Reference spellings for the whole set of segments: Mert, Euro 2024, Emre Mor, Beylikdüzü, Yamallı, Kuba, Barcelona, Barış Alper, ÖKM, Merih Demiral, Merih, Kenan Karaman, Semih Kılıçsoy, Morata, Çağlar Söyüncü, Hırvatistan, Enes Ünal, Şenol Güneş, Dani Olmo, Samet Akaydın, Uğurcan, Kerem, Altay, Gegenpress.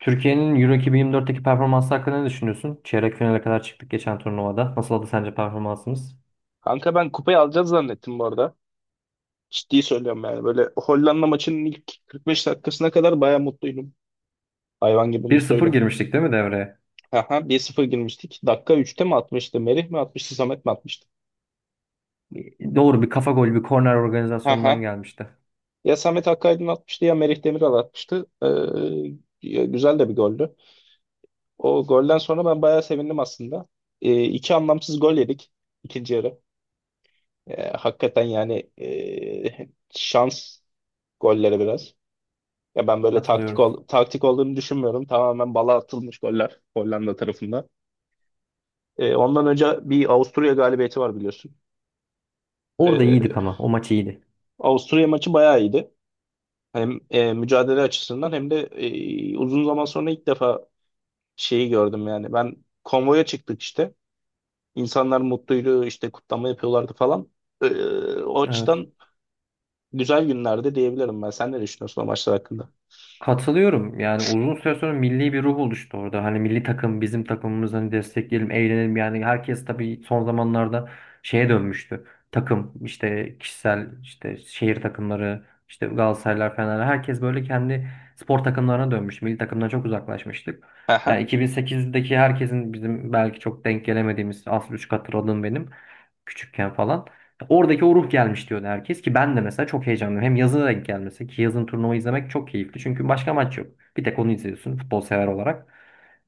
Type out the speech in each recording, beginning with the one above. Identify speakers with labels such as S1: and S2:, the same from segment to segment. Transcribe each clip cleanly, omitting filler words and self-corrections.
S1: Türkiye'nin Euro 2024'teki performansı hakkında ne düşünüyorsun? Çeyrek finale kadar çıktık geçen turnuvada. Nasıl oldu sence performansımız?
S2: Kanka ben kupayı alacağız zannettim bu arada. Ciddi söylüyorum yani. Böyle Hollanda maçının ilk 45 dakikasına kadar baya mutluydum. Hayvan gibi
S1: Bir sıfır
S2: mutluydum.
S1: girmiştik, değil mi, devreye?
S2: Aha, 1-0 girmiştik. Dakika üçte mi atmıştı? Merih mi atmıştı? Samet mi atmıştı?
S1: Doğru, bir kafa golü, bir korner organizasyondan
S2: Aha.
S1: gelmişti.
S2: Ya Samet Akaydın atmıştı ya Merih Demiral atmıştı. Ya güzel de bir goldü. O golden sonra ben bayağı sevindim aslında. İki anlamsız gol yedik ikinci yarı. Hakikaten yani şans golleri biraz. Ya ben böyle
S1: Katılıyorum.
S2: taktik olduğunu düşünmüyorum. Tamamen bala atılmış goller Hollanda tarafında. Ondan önce bir Avusturya galibiyeti var biliyorsun.
S1: Orada iyiydik,
S2: Ee,
S1: ama o maç iyiydi.
S2: Avusturya maçı bayağı iyiydi. Hem mücadele açısından hem de uzun zaman sonra ilk defa şeyi gördüm yani. Ben konvoya çıktık işte. İnsanlar mutluydu işte kutlama yapıyorlardı falan. O
S1: Evet.
S2: açıdan güzel günlerde diyebilirim ben. Sen ne düşünüyorsun o maçlar hakkında?
S1: Katılıyorum. Yani uzun süre sonra milli bir ruh oluştu orada. Hani milli takım bizim takımımız, hani destekleyelim, eğlenelim. Yani herkes tabii son zamanlarda şeye dönmüştü. Takım işte, kişisel işte, şehir takımları işte, Galatasaraylar, Fenerler, herkes böyle kendi spor takımlarına dönmüş. Milli takımdan çok uzaklaşmıştık. Yani
S2: Aha,
S1: 2008'deki, herkesin bizim belki çok denk gelemediğimiz, az buçuk hatırladığım benim küçükken falan. Oradaki o ruh gelmiş diyordu herkes, ki ben de mesela çok heyecanlıyım. Hem yazına denk gelmesi, ki yazın turnuva izlemek çok keyifli. Çünkü başka maç yok. Bir tek onu izliyorsun futbol sever olarak.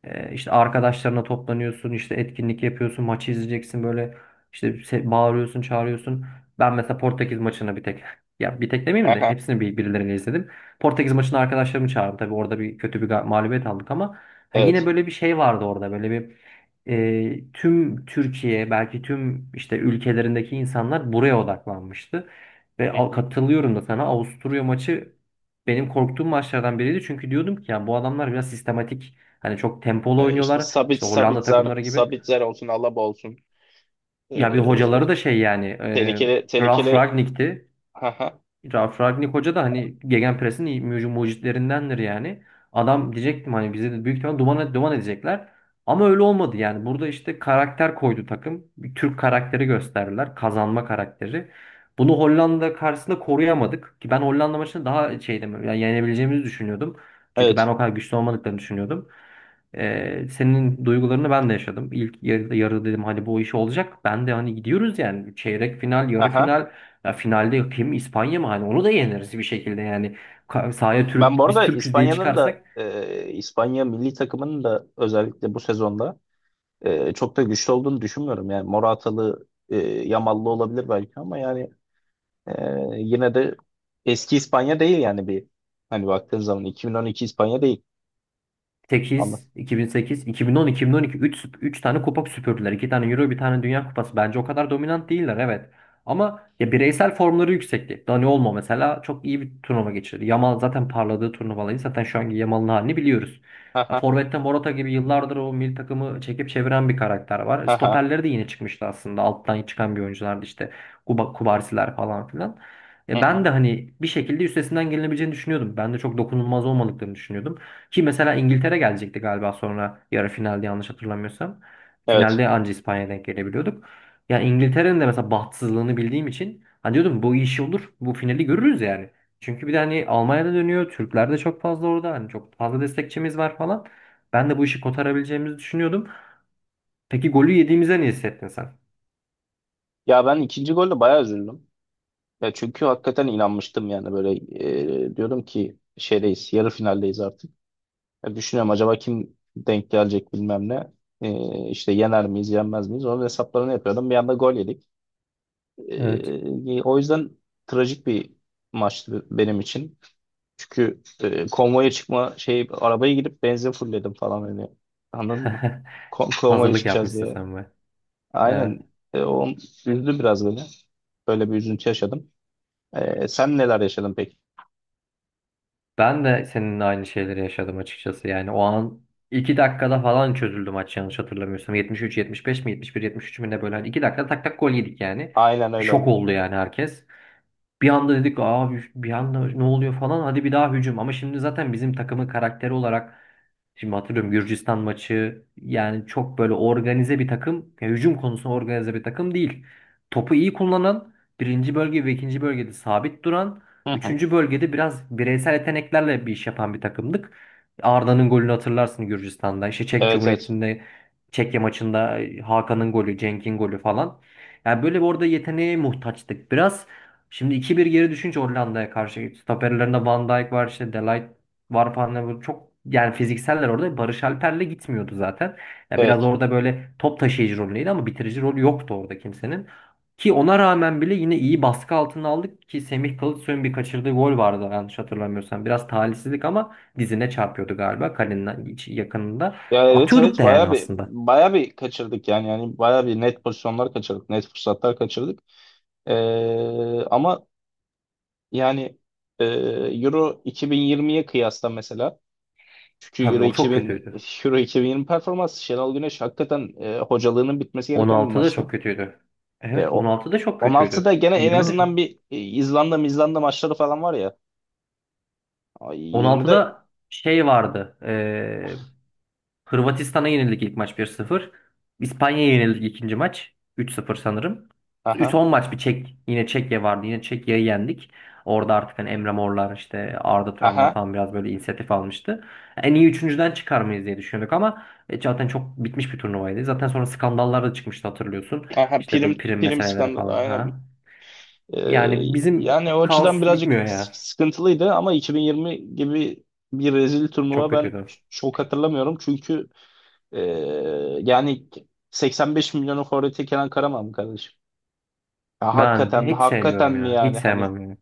S1: İşte arkadaşlarına toplanıyorsun, işte etkinlik yapıyorsun, maçı izleyeceksin, böyle işte bağırıyorsun, çağırıyorsun. Ben mesela Portekiz maçını bir tek ya bir tek demeyeyim de
S2: aha.
S1: hepsini bir, birileriyle izledim. Portekiz maçını arkadaşlarımı çağırdım. Tabii orada bir kötü bir mağlubiyet aldık, ama ha, yine
S2: Evet.
S1: böyle bir şey vardı orada. Böyle bir tüm Türkiye, belki tüm işte ülkelerindeki insanlar buraya odaklanmıştı. Ve
S2: Hı hı.
S1: katılıyorum da sana. Avusturya maçı benim korktuğum maçlardan biriydi. Çünkü diyordum ki ya bu adamlar biraz sistematik, hani çok tempolu
S2: E, işte
S1: oynuyorlar
S2: Sabit
S1: işte, Hollanda
S2: Sabitzer,
S1: takımları gibi.
S2: Sabitzer olsun, Alaba olsun. E,
S1: Ya bir hocaları da şey yani,
S2: tehlikeli
S1: Ralf
S2: tehlikeli.
S1: Ragnik'ti.
S2: Haha.
S1: Ralf Ragnik Hoca da hani Gegenpress'in iyi mucitlerindendir yani. Adam, diyecektim hani bize de büyük ihtimal duman, duman edecekler. Ama öyle olmadı yani. Burada işte karakter koydu takım. Bir Türk karakteri gösterdiler. Kazanma karakteri. Bunu Hollanda karşısında koruyamadık. Ki ben Hollanda maçını daha şeydim. Yani yenebileceğimizi düşünüyordum. Çünkü ben
S2: Evet.
S1: o kadar güçlü olmadıklarını düşünüyordum. Senin duygularını ben de yaşadım. İlk yarıda, yarı dedim hani bu iş olacak. Ben de hani gidiyoruz yani. Çeyrek final, yarı
S2: Haha.
S1: final. Ya finalde kim, İspanya mı? Hani onu da yeneriz bir şekilde yani. Sahaya
S2: Ben bu
S1: Türk, biz
S2: arada
S1: Türküz diye
S2: İspanya'nın da
S1: çıkarsak.
S2: İspanya milli takımının da özellikle bu sezonda çok da güçlü olduğunu düşünmüyorum. Yani Moratalı, Yamallı olabilir belki, ama yani e, yine de eski İspanya değil yani, bir hani baktığın zaman 2012 İspanya değil. Anla.
S1: 8, 2008, 2010, 2012, üç tane kupa süpürdüler. İki tane Euro, bir tane Dünya Kupası. Bence o kadar dominant değiller, evet. Ama ya bireysel formları yüksekti. Dani Olmo mesela çok iyi bir turnuva geçirdi. Yamal zaten parladığı turnuvaları, zaten şu anki Yamal'ın halini biliyoruz. Ya
S2: Haha.
S1: forvette Morata gibi yıllardır o milli takımı çekip çeviren bir karakter var.
S2: Haha.
S1: Stoperleri de yine çıkmıştı aslında. Alttan çıkan bir oyunculardı işte. Kuba, Kubarsiler falan filan.
S2: Hı
S1: Ben
S2: hı.
S1: de hani bir şekilde üstesinden gelinebileceğini düşünüyordum. Ben de çok dokunulmaz olmadıklarını düşünüyordum. Ki mesela İngiltere gelecekti galiba sonra yarı finalde, yanlış hatırlamıyorsam.
S2: Evet.
S1: Finalde anca İspanya'ya denk gelebiliyorduk. Yani İngiltere'nin de mesela bahtsızlığını bildiğim için hani diyordum bu iş olur. Bu finali görürüz yani. Çünkü bir de hani Almanya'da dönüyor. Türkler de çok fazla orada. Hani çok fazla destekçimiz var falan. Ben de bu işi kotarabileceğimizi düşünüyordum. Peki golü yediğimize ne hissettin sen?
S2: Ya ben ikinci golle bayağı üzüldüm. Ya çünkü hakikaten inanmıştım yani, böyle diyorum ki şeydeyiz, yarı finaldeyiz artık. Ya düşünüyorum acaba kim denk gelecek bilmem ne. E, işte yener miyiz yenmez miyiz onun hesaplarını yapıyordum. Bir anda gol yedik.
S1: Evet.
S2: O yüzden trajik bir maçtı benim için. Çünkü konvoya çıkma şey, arabaya gidip benzin fullledim falan, hani anladın mı? Kon konvoya
S1: Hazırlık
S2: çıkacağız
S1: yapmışsın
S2: diye.
S1: sen be.
S2: Aynen. O üzdü biraz beni. Böyle bir üzüntü yaşadım. Sen neler yaşadın peki?
S1: Ben de seninle aynı şeyleri yaşadım açıkçası. Yani o an 2 dakikada falan çözüldü maç, yanlış hatırlamıyorsam. 73-75 mi, 71-73 mü, ne böyle. Hani 2 dakikada tak tak gol yedik yani.
S2: Aynen
S1: Bir
S2: öyle
S1: şok
S2: oldu.
S1: oldu yani herkes. Bir anda dedik abi, bir anda ne oluyor falan, hadi bir daha hücum. Ama şimdi zaten bizim takımın karakteri olarak, şimdi hatırlıyorum Gürcistan maçı, yani çok böyle organize bir takım, ya hücum konusunda organize bir takım değil. Topu iyi kullanan, birinci bölge ve ikinci bölgede sabit duran,
S2: Hı hı.
S1: üçüncü bölgede biraz bireysel yeteneklerle bir iş yapan bir takımdık. Arda'nın golünü hatırlarsın Gürcistan'da. İşte Çek
S2: Evet, evet.
S1: Cumhuriyeti'nde, Çekya maçında, Hakan'ın golü, Cenk'in golü falan. Yani böyle bir, orada yeteneğe muhtaçtık biraz. Şimdi iki bir geri düşünce Hollanda'ya karşı, stoperlerinde Van Dijk var, işte Delight var falan. Yani bu çok, yani fizikseller orada Barış Alper'le gitmiyordu zaten. Ya biraz
S2: Evet.
S1: orada böyle top taşıyıcı rolüydü, ama bitirici rolü yoktu orada kimsenin. Ki ona rağmen bile yine iyi baskı altına aldık, ki Semih Kılıçsoy'un bir kaçırdığı gol vardı, yanlış hatırlamıyorsam. Biraz talihsizlik, ama dizine çarpıyordu galiba, kalenin yakınında.
S2: Ya, evet,
S1: Atıyorduk
S2: evet,
S1: da yani
S2: bayağı bir
S1: aslında.
S2: bayağı bir kaçırdık yani bayağı bir net pozisyonlar kaçırdık, net fırsatlar kaçırdık. Ama yani Euro 2020'ye kıyasla mesela, çünkü
S1: Tabii
S2: Euro
S1: o çok
S2: 2000
S1: kötüydü.
S2: Euro 2020 performansı, Şenol Güneş hakikaten hocalığının bitmesi gereken bir
S1: 16'da çok
S2: maçtı.
S1: kötüydü.
S2: Ya
S1: Evet,
S2: o
S1: 16'da çok kötüydü.
S2: 16'da gene en
S1: 20'de çok.
S2: azından bir İzlanda maçları falan var ya. Ay, 20'de
S1: 16'da şey vardı. Hırvatistan'a yenildik ilk maç 1-0. İspanya'ya yenildik ikinci maç, 3-0 sanırım.
S2: aha,
S1: 3-10 maç bir Çek. Yine Çekya vardı. Yine Çekya'yı yendik. Orada artık hani Emre Morlar, işte Arda Turanlar
S2: aha,
S1: falan biraz böyle inisiyatif almıştı. En iyi üçüncüden çıkar mıyız diye düşünüyorduk, ama zaten çok bitmiş bir turnuvaydı. Zaten sonra skandallar da çıkmıştı, hatırlıyorsun.
S2: aha,
S1: İşte
S2: prim
S1: böyle prim
S2: prim
S1: meseleleri
S2: skandal,
S1: falan.
S2: aynen.
S1: Ha.
S2: Ee,
S1: Yani bizim
S2: yani o açıdan
S1: kaos
S2: birazcık
S1: bitmiyor ya.
S2: sıkıntılıydı, ama 2020 gibi bir rezil
S1: Çok
S2: turnuva ben
S1: kötüydü.
S2: çok hatırlamıyorum. Çünkü ee, yani 85 milyonun forveti Kenan Karaman kardeşim. Ya
S1: Ben
S2: hakikaten mi?
S1: hiç
S2: Hakikaten
S1: sevmiyorum
S2: mi
S1: ya. Hiç
S2: yani? Hani
S1: sevmem yani.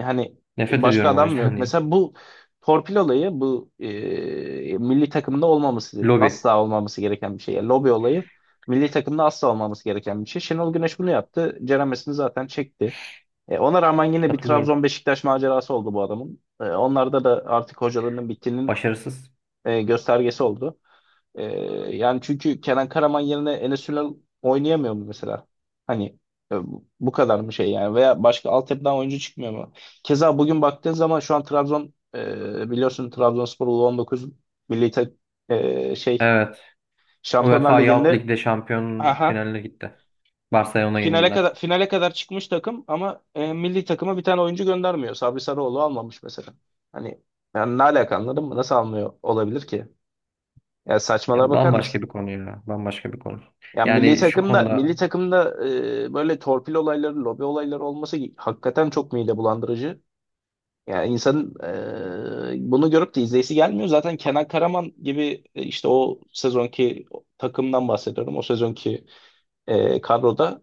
S2: hani
S1: Nefret
S2: başka
S1: ediyorum o
S2: adam mı
S1: yüzden
S2: yok?
S1: yani.
S2: Mesela bu torpil olayı bu milli takımda olmaması,
S1: Lobi.
S2: asla olmaması gereken bir şey. Yani lobi olayı milli takımda asla olmaması gereken bir şey. Şenol Güneş bunu yaptı. Ceremesini zaten çekti. Ona rağmen yine bir
S1: Katılıyorum.
S2: Trabzon Beşiktaş macerası oldu bu adamın. Onlarda da artık hocalarının bittiğinin
S1: Başarısız.
S2: göstergesi oldu. E, yani çünkü Kenan Karaman yerine Enes Ünal oynayamıyor mu mesela? Hani e, bu kadar mı şey yani, veya başka altyapıdan oyuncu çıkmıyor mu? Keza bugün baktığın zaman şu an Trabzon, biliyorsun Trabzonspor U19 milli tak- şey
S1: Evet.
S2: Şampiyonlar
S1: UEFA Youth
S2: Ligi'nde
S1: Lig'de şampiyon finaline gitti. Barcelona
S2: Finale kadar
S1: yenildiler.
S2: finale kadar çıkmış takım, ama milli takıma bir tane oyuncu göndermiyor. Sabri Sarıoğlu almamış mesela. Hani yani ne alaka, anladın mı? Nasıl almıyor olabilir ki? Ya
S1: Ya
S2: saçmalara bakar
S1: bambaşka bir
S2: mısın?
S1: konu ya. Bambaşka bir konu.
S2: Ya milli
S1: Yani şu
S2: takımda milli
S1: konuda
S2: takımda böyle torpil olayları, lobi olayları olması hakikaten çok mide bulandırıcı. Yani insanın bunu görüp de izleyisi gelmiyor. Zaten Kenan Karaman gibi, işte o sezonki takımdan bahsediyorum. O sezonki kadroda,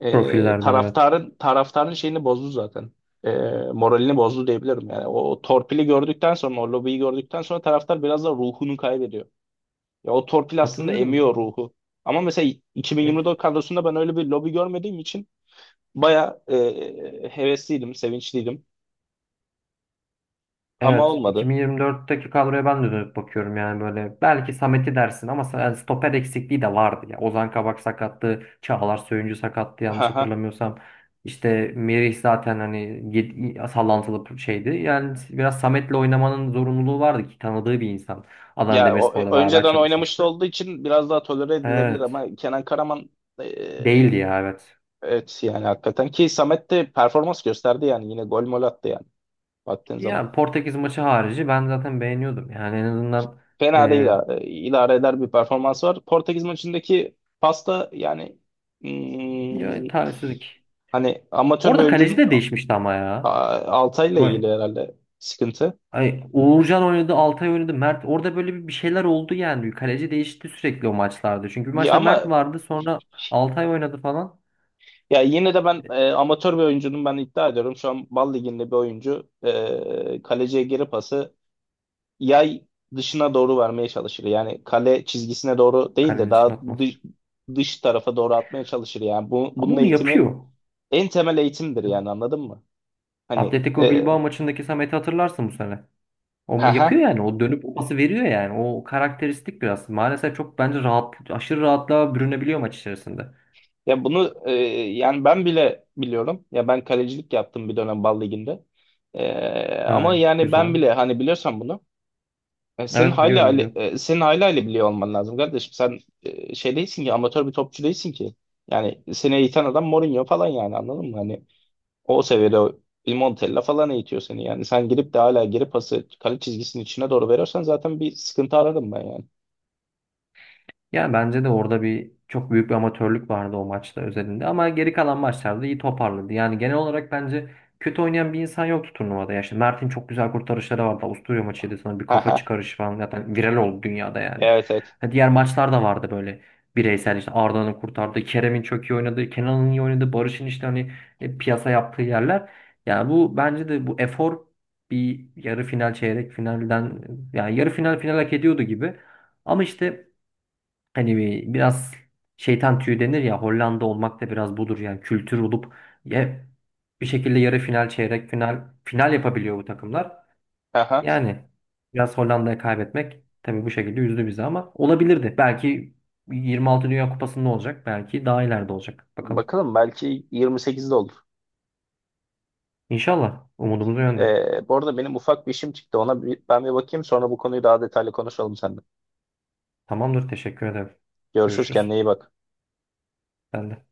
S1: profillerden, evet.
S2: taraftarın şeyini bozdu zaten. E, moralini bozdu diyebilirim yani. O torpili gördükten sonra, o lobiyi gördükten sonra, taraftar biraz da ruhunu kaybediyor. Ya o torpil aslında emiyor
S1: Katılıyorum.
S2: ruhu. Ama mesela
S1: E,
S2: 2024 kadrosunda ben öyle bir lobi görmediğim için baya hevesliydim, sevinçliydim. Ama
S1: Evet,
S2: olmadı.
S1: 2024'teki kadroya ben de dönüp bakıyorum, yani böyle belki Samet'i dersin, ama yani stoper eksikliği de vardı ya. Ozan Kabak sakattı, Çağlar Söyüncü sakattı, yanlış
S2: Haha.
S1: hatırlamıyorsam. İşte Merih zaten hani sallantılı bir şeydi. Yani biraz Samet'le oynamanın zorunluluğu vardı, ki tanıdığı bir insan. Adana
S2: Ya o,
S1: Demirspor'da beraber
S2: önceden oynamış da
S1: çalışmıştı.
S2: olduğu için biraz daha tolere edilebilir,
S1: Evet,
S2: ama Kenan Karaman e,
S1: değildi ya, evet.
S2: evet yani, hakikaten ki Samet de performans gösterdi yani, yine gol mol attı yani. Baktığım zaman,
S1: Yani Portekiz maçı harici ben zaten beğeniyordum. Yani en azından
S2: fena değil,
S1: e,
S2: idare eder bir performans var. Portekiz maçındaki pasta yani,
S1: ya,
S2: hmm,
S1: talihsizlik.
S2: hani amatör bir
S1: Orada kaleci
S2: oyuncunun,
S1: de değişmişti ama ya.
S2: Altay'la
S1: Vay.
S2: ilgili herhalde sıkıntı.
S1: Ay, Uğurcan oynadı, Altay oynadı, Mert. Orada böyle bir şeyler oldu yani. Kaleci değişti sürekli o maçlarda. Çünkü bir
S2: Ya
S1: maçta Mert
S2: ama
S1: vardı, sonra Altay oynadı falan.
S2: ya yine de ben, amatör bir oyuncunun, ben iddia ediyorum. Şu an Bal Ligi'nde bir oyuncu kaleciye geri pası yay dışına doğru vermeye çalışır. Yani kale çizgisine doğru değil de
S1: Kalenin için
S2: daha
S1: atmaz.
S2: dış tarafa doğru atmaya çalışır. Yani bu,
S1: Ama
S2: bunun
S1: onu
S2: eğitimi
S1: yapıyor.
S2: en temel eğitimdir yani, anladın mı? Hani
S1: Atletico Bilbao maçındaki Samet'i hatırlarsın bu sene. O yapıyor
S2: haha.
S1: yani. O dönüp o pası veriyor yani. O karakteristik biraz. Maalesef çok bence rahat, aşırı rahatlığa bürünebiliyor maç içerisinde.
S2: Ya bunu yani ben bile biliyorum. Ya ben kalecilik yaptım bir dönem Bal Ligi'nde. Ama
S1: Ha,
S2: yani
S1: güzel.
S2: ben bile, hani, biliyorsan bunu. e, senin
S1: Evet,
S2: hayli
S1: biliyorum,
S2: hayli-
S1: biliyorum.
S2: e, senin hayli hayli biliyor olman lazım kardeşim. Sen şey değilsin ki, amatör bir topçu değilsin ki. Yani seni eğiten adam Mourinho falan yani, anladın mı? Hani o seviyede, o Il Montella falan eğitiyor seni yani. Sen girip de hala geri pası kale çizgisinin içine doğru veriyorsan zaten bir sıkıntı ararım ben yani.
S1: Ya bence de orada bir, çok büyük bir amatörlük vardı o maçta özelinde, ama geri kalan maçlarda iyi toparladı. Yani genel olarak bence kötü oynayan bir insan yoktu turnuvada. Ya işte Mert'in çok güzel kurtarışları vardı. Avusturya maçıydı sana, bir kafa
S2: Haha.
S1: çıkarışı falan, zaten viral oldu dünyada yani.
S2: Evet, evet.
S1: Ha, diğer maçlar da vardı böyle bireysel, işte Arda'nın kurtardığı, Kerem'in çok iyi oynadığı, Kenan'ın iyi oynadığı, Barış'ın işte hani piyasa yaptığı yerler. Yani bu bence de bu efor, bir yarı final, çeyrek finalden, yani yarı final, final hak ediyordu gibi. Ama işte, hani biraz şeytan tüyü denir ya, Hollanda olmak da biraz budur yani, kültür olup ya bir şekilde yarı final, çeyrek final, final yapabiliyor bu takımlar.
S2: Haha.
S1: Yani biraz Hollanda'ya kaybetmek tabii bu şekilde üzdü bizi, ama olabilirdi. Belki 26 Dünya Kupası'nda olacak. Belki daha ileride olacak. Bakalım.
S2: Bakalım, belki 28'de olur.
S1: İnşallah, umudumuz o yönde.
S2: Bu arada benim ufak bir işim çıktı. Ona bir, ben bir bakayım, sonra bu konuyu daha detaylı konuşalım seninle.
S1: Tamamdır. Teşekkür ederim.
S2: Görüşürüz, kendine
S1: Görüşürüz.
S2: iyi bak.
S1: Ben de.